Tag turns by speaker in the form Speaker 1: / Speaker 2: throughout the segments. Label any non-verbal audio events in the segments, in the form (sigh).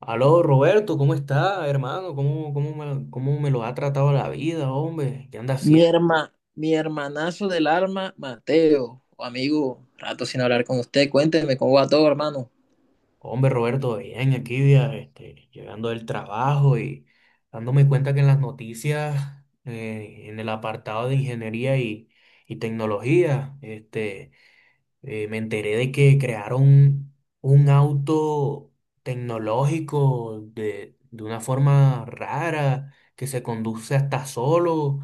Speaker 1: Aló, Roberto, ¿cómo está, hermano? ¿Cómo me lo ha tratado la vida, hombre? ¿Qué anda
Speaker 2: Mi
Speaker 1: haciendo?
Speaker 2: herma, mi hermanazo del alma Mateo, o amigo, rato sin hablar con usted, cuénteme cómo va todo, hermano.
Speaker 1: Hombre, Roberto, bien, aquí ya, este, llegando del trabajo y dándome cuenta que en las noticias, en el apartado de ingeniería y tecnología, este, me enteré de que crearon un auto tecnológico de una forma rara, que se conduce hasta solo.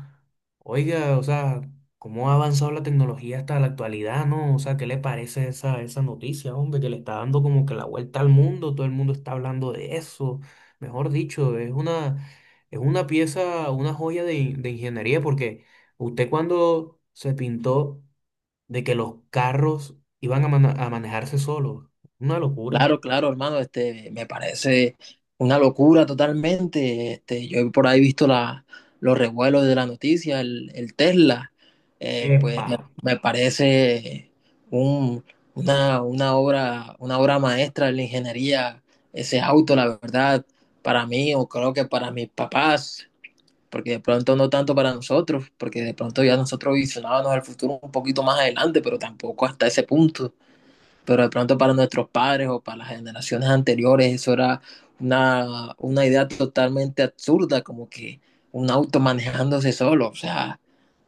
Speaker 1: Oiga, o sea, ¿cómo ha avanzado la tecnología hasta la actualidad, no? O sea, ¿qué le parece esa noticia, hombre, que le está dando como que la vuelta al mundo? Todo el mundo está hablando de eso. Mejor dicho, es una pieza, una joya de ingeniería, porque usted cuando se pintó de que los carros iban a manejarse solos, una locura.
Speaker 2: Claro, claro, hermano, me parece una locura totalmente. Yo he por ahí visto los revuelos de la noticia, el Tesla, pues
Speaker 1: ¡Epa!
Speaker 2: me parece un, una obra maestra de la ingeniería, ese auto, la verdad, para mí, o creo que para mis papás, porque de pronto no tanto para nosotros, porque de pronto ya nosotros visionábamos el futuro un poquito más adelante, pero tampoco hasta ese punto, pero de pronto para nuestros padres o para las generaciones anteriores eso era una idea totalmente absurda, como que un auto manejándose solo, o sea,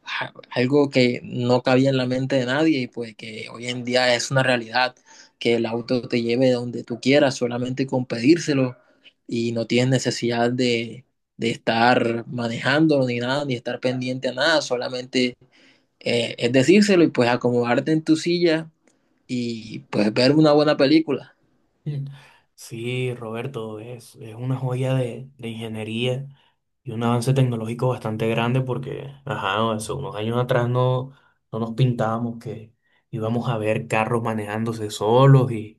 Speaker 2: algo que no cabía en la mente de nadie y pues que hoy en día es una realidad, que el auto te lleve donde tú quieras solamente con pedírselo y no tienes necesidad de estar manejándolo ni nada, ni estar pendiente a nada, solamente es decírselo y pues acomodarte en tu silla y pues ver una buena película.
Speaker 1: (laughs) Mm. Sí, Roberto, es una joya de ingeniería y un avance tecnológico bastante grande porque, ajá, hace unos años atrás no nos pintábamos que íbamos a ver carros manejándose solos y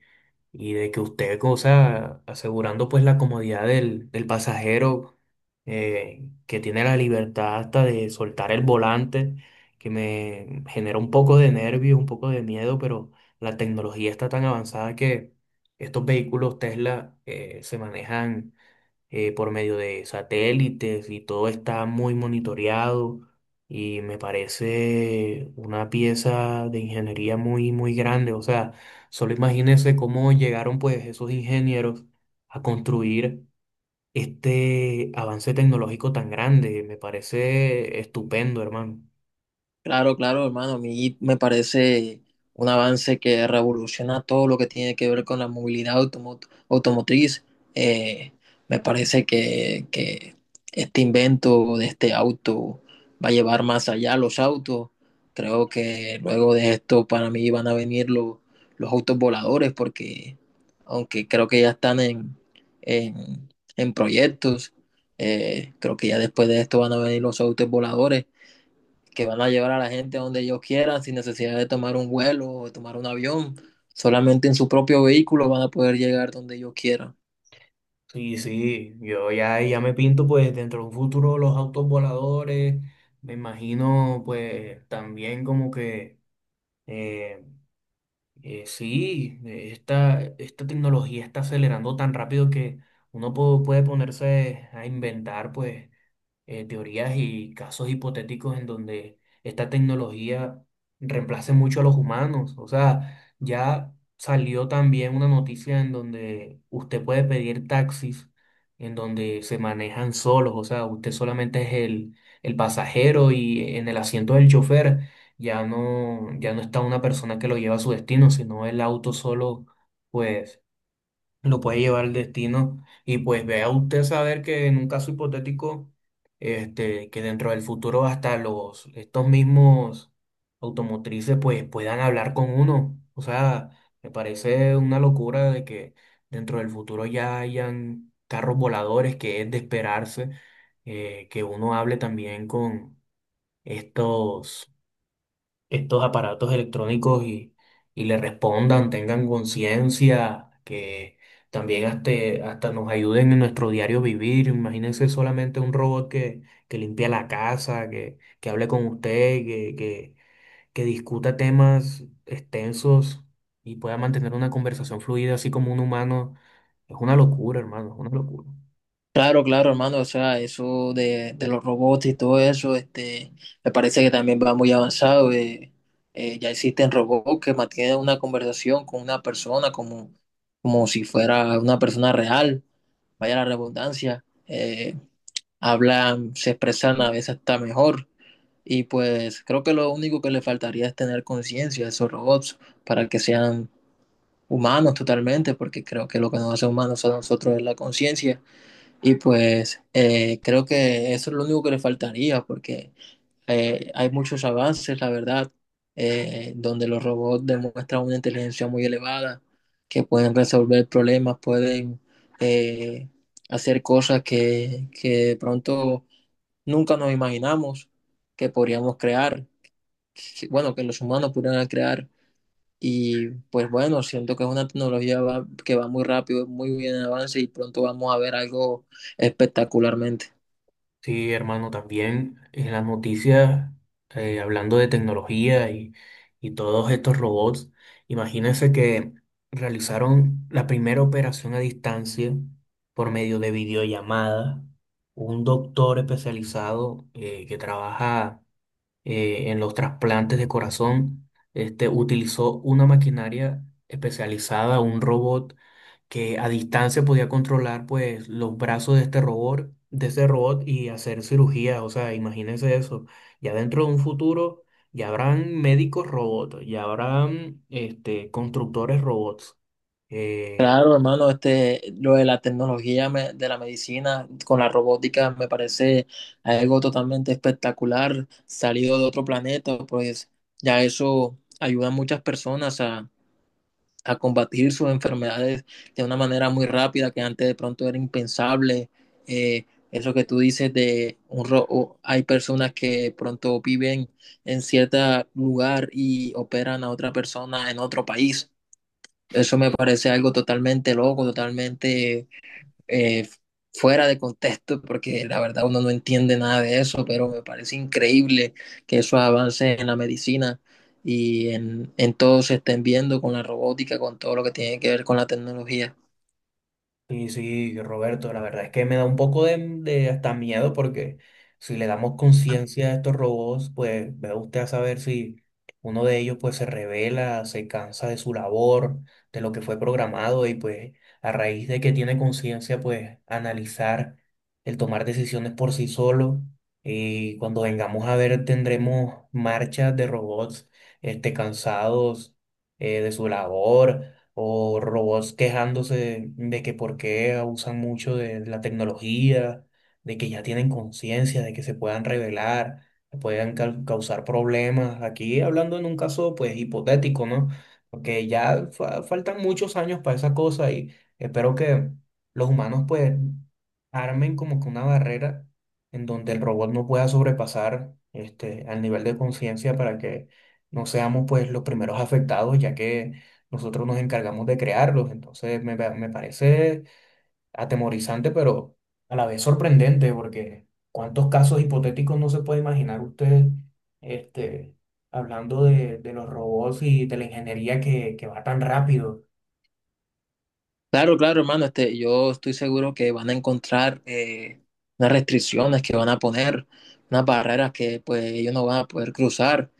Speaker 1: y de que usted, o sea, asegurando pues la comodidad del pasajero, que tiene la libertad hasta de soltar el volante, que me genera un poco de nervio, un poco de miedo, pero la tecnología está tan avanzada que estos vehículos Tesla se manejan, por medio de satélites, y todo está muy monitoreado y me parece una pieza de ingeniería muy, muy grande. O sea, solo imagínense cómo llegaron pues esos ingenieros a construir este avance tecnológico tan grande. Me parece estupendo, hermano.
Speaker 2: Claro, claro, hermano. A mí me parece un avance que revoluciona todo lo que tiene que ver con la movilidad automotriz. Eh, Me parece que este invento de este auto va a llevar más allá los autos. Creo que luego de esto para mí van a venir los autos voladores porque aunque creo que ya están en, en proyectos, creo que ya después de esto van a venir los autos voladores que van a llevar a la gente a donde ellos quieran sin necesidad de tomar un vuelo o de tomar un avión. Solamente en su propio vehículo van a poder llegar donde ellos quieran.
Speaker 1: Sí, sí, ya me pinto pues dentro de un futuro los autos voladores, me imagino pues también como que sí, esta esta, tecnología está acelerando tan rápido que uno puede ponerse a inventar, pues, teorías y casos hipotéticos en donde esta tecnología reemplace mucho a los humanos. O sea, ya salió también una noticia en donde usted puede pedir taxis, en donde se manejan solos, o sea, usted solamente es el pasajero, y en el asiento del chofer ya no, ya no está una persona que lo lleva a su destino, sino el auto solo, pues lo puede llevar el destino. Y pues vea usted saber que en un caso hipotético, este, que dentro del futuro hasta estos mismos automotrices pues puedan hablar con uno. O sea, me parece una locura de que dentro del futuro ya hayan carros voladores, que es de esperarse, que uno hable también con estos estos aparatos electrónicos y le respondan, tengan conciencia, que también hasta nos ayuden en nuestro diario vivir. Imagínense solamente un robot que limpia la casa, que hable con usted, que discuta temas extensos y pueda mantener una conversación fluida, así como un humano. Es una locura, hermano, es una locura.
Speaker 2: Claro, claro, hermano, o sea, eso de los robots y todo eso, me parece que también va muy avanzado. Ya existen robots que mantienen una conversación con una persona como si fuera una persona real, vaya la redundancia. Hablan, se expresan a veces hasta mejor. Y pues creo que lo único que le faltaría es tener conciencia de esos robots para que sean humanos totalmente, porque creo que lo que nos hace humanos a nosotros es la conciencia. Y pues creo que eso es lo único que le faltaría, porque hay muchos avances, la verdad, donde los robots demuestran una inteligencia muy elevada, que pueden resolver problemas, pueden eh, hacer cosas que de pronto nunca nos imaginamos que podríamos crear bueno, que los humanos pudieran crear. Y pues bueno, siento que es una tecnología que va muy rápido, muy bien en avance y pronto vamos a ver algo espectacularmente.
Speaker 1: Sí, hermano, también en las noticias, hablando de tecnología y todos estos robots, imagínense que realizaron la primera operación a distancia por medio de videollamada. Un doctor especializado, que trabaja, en los trasplantes de corazón, este, utilizó una maquinaria especializada, un robot que a distancia podía controlar pues los brazos de este robot, y hacer cirugía. O sea, imagínense eso. Ya dentro de un futuro ya habrán médicos robots, ya habrán, este, constructores robots. Eh,
Speaker 2: Claro, hermano, este, lo de la tecnología de la medicina con la robótica me parece algo totalmente espectacular, salido de otro planeta, pues ya eso ayuda a muchas personas a combatir sus enfermedades de una manera muy rápida que antes de pronto era impensable. Eh, Eso que tú dices de un ro hay personas que pronto viven en cierto lugar y operan a otra persona en otro país. Eso me parece algo totalmente loco, totalmente, eh, fuera de contexto, porque la verdad uno no entiende nada de eso, pero me parece increíble que esos avances en la medicina y en todo se estén viendo con la robótica, con todo lo que tiene que ver con la tecnología.
Speaker 1: Sí, sí, Roberto, la verdad es que me da un poco de hasta miedo porque si le damos conciencia a estos robots, pues vea usted a saber si uno de ellos pues se revela, se cansa de su labor, de lo que fue programado, y pues a raíz de que tiene conciencia pues analizar el tomar decisiones por sí solo, y cuando vengamos a ver tendremos marchas de robots, este, cansados, de su labor, o robots quejándose de que por qué abusan mucho de la tecnología, de que ya tienen conciencia, de que se puedan revelar, que puedan causar problemas. Aquí hablando en un caso pues hipotético, ¿no? Porque ya faltan muchos años para esa cosa y espero que los humanos pues armen como que una barrera en donde el robot no pueda sobrepasar este al nivel de conciencia, para que no seamos pues los primeros afectados, ya que nosotros nos encargamos de crearlos. Entonces me parece atemorizante, pero a la vez sorprendente, porque cuántos casos hipotéticos no se puede imaginar usted, este, hablando de los robots y de la ingeniería que va tan rápido.
Speaker 2: Claro, claro, hermano, yo estoy seguro que van a encontrar unas restricciones que van a poner, unas barreras que pues ellos no van a poder cruzar,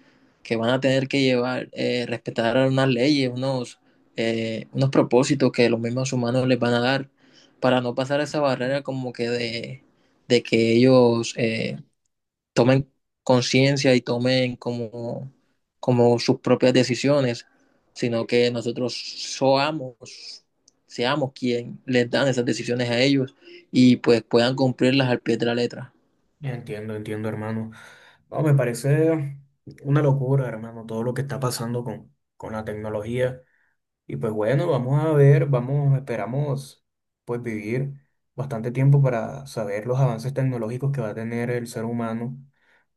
Speaker 2: que van a tener que llevar, respetar unas leyes, unos propósitos que los mismos humanos les van a dar para no pasar esa barrera como que de que ellos tomen conciencia y tomen como, como sus propias decisiones, sino que nosotros seamos quien les dan esas decisiones a ellos y pues puedan cumplirlas al pie de la letra.
Speaker 1: Entiendo, entiendo, hermano. No, me parece una locura, hermano, todo lo que está pasando con la tecnología. Y pues bueno, vamos a ver, vamos, esperamos pues vivir bastante tiempo para saber los avances tecnológicos que va a tener el ser humano.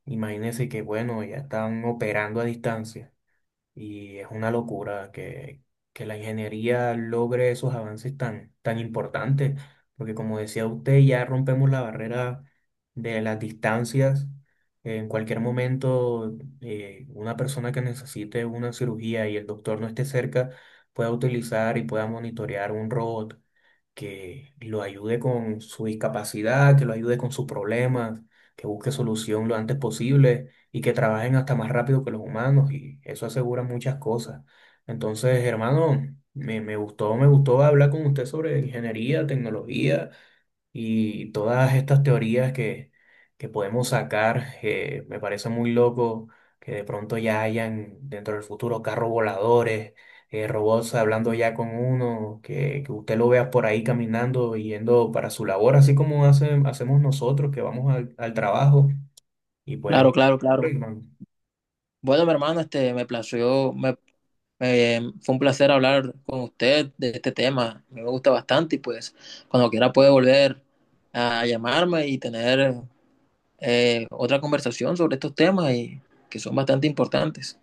Speaker 1: Imagínense que bueno, ya están operando a distancia. Y es una locura que la ingeniería logre esos avances tan, tan importantes, porque como decía usted, ya rompemos la barrera de las distancias. En cualquier momento, una persona que necesite una cirugía y el doctor no esté cerca pueda utilizar y pueda monitorear un robot que lo ayude con su discapacidad, que lo ayude con sus problemas, que busque solución lo antes posible y que trabajen hasta más rápido que los humanos, y eso asegura muchas cosas. Entonces, hermano, me gustó hablar con usted sobre ingeniería, tecnología y todas estas teorías que podemos sacar, me parece muy loco que de pronto ya hayan dentro del futuro carros voladores, robots hablando ya con uno, que usted lo vea por ahí caminando, yendo para su labor, así como hacemos nosotros que vamos al, al trabajo. Y pues,
Speaker 2: Claro, claro, claro.
Speaker 1: Rickman,
Speaker 2: Bueno, mi hermano, me plació, fue un placer hablar con usted de este tema. Me gusta bastante y pues cuando quiera puede volver a llamarme y tener otra conversación sobre estos temas y que son bastante importantes.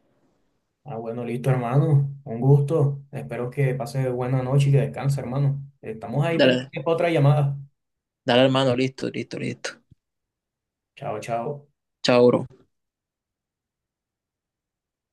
Speaker 1: ah, bueno, listo, hermano, un gusto. Espero que pase buena noche y que descanse, hermano. Estamos ahí
Speaker 2: Dale,
Speaker 1: pendientes para otra llamada.
Speaker 2: dale hermano, listo, listo, listo.
Speaker 1: Chao, chao.
Speaker 2: Chao, bro.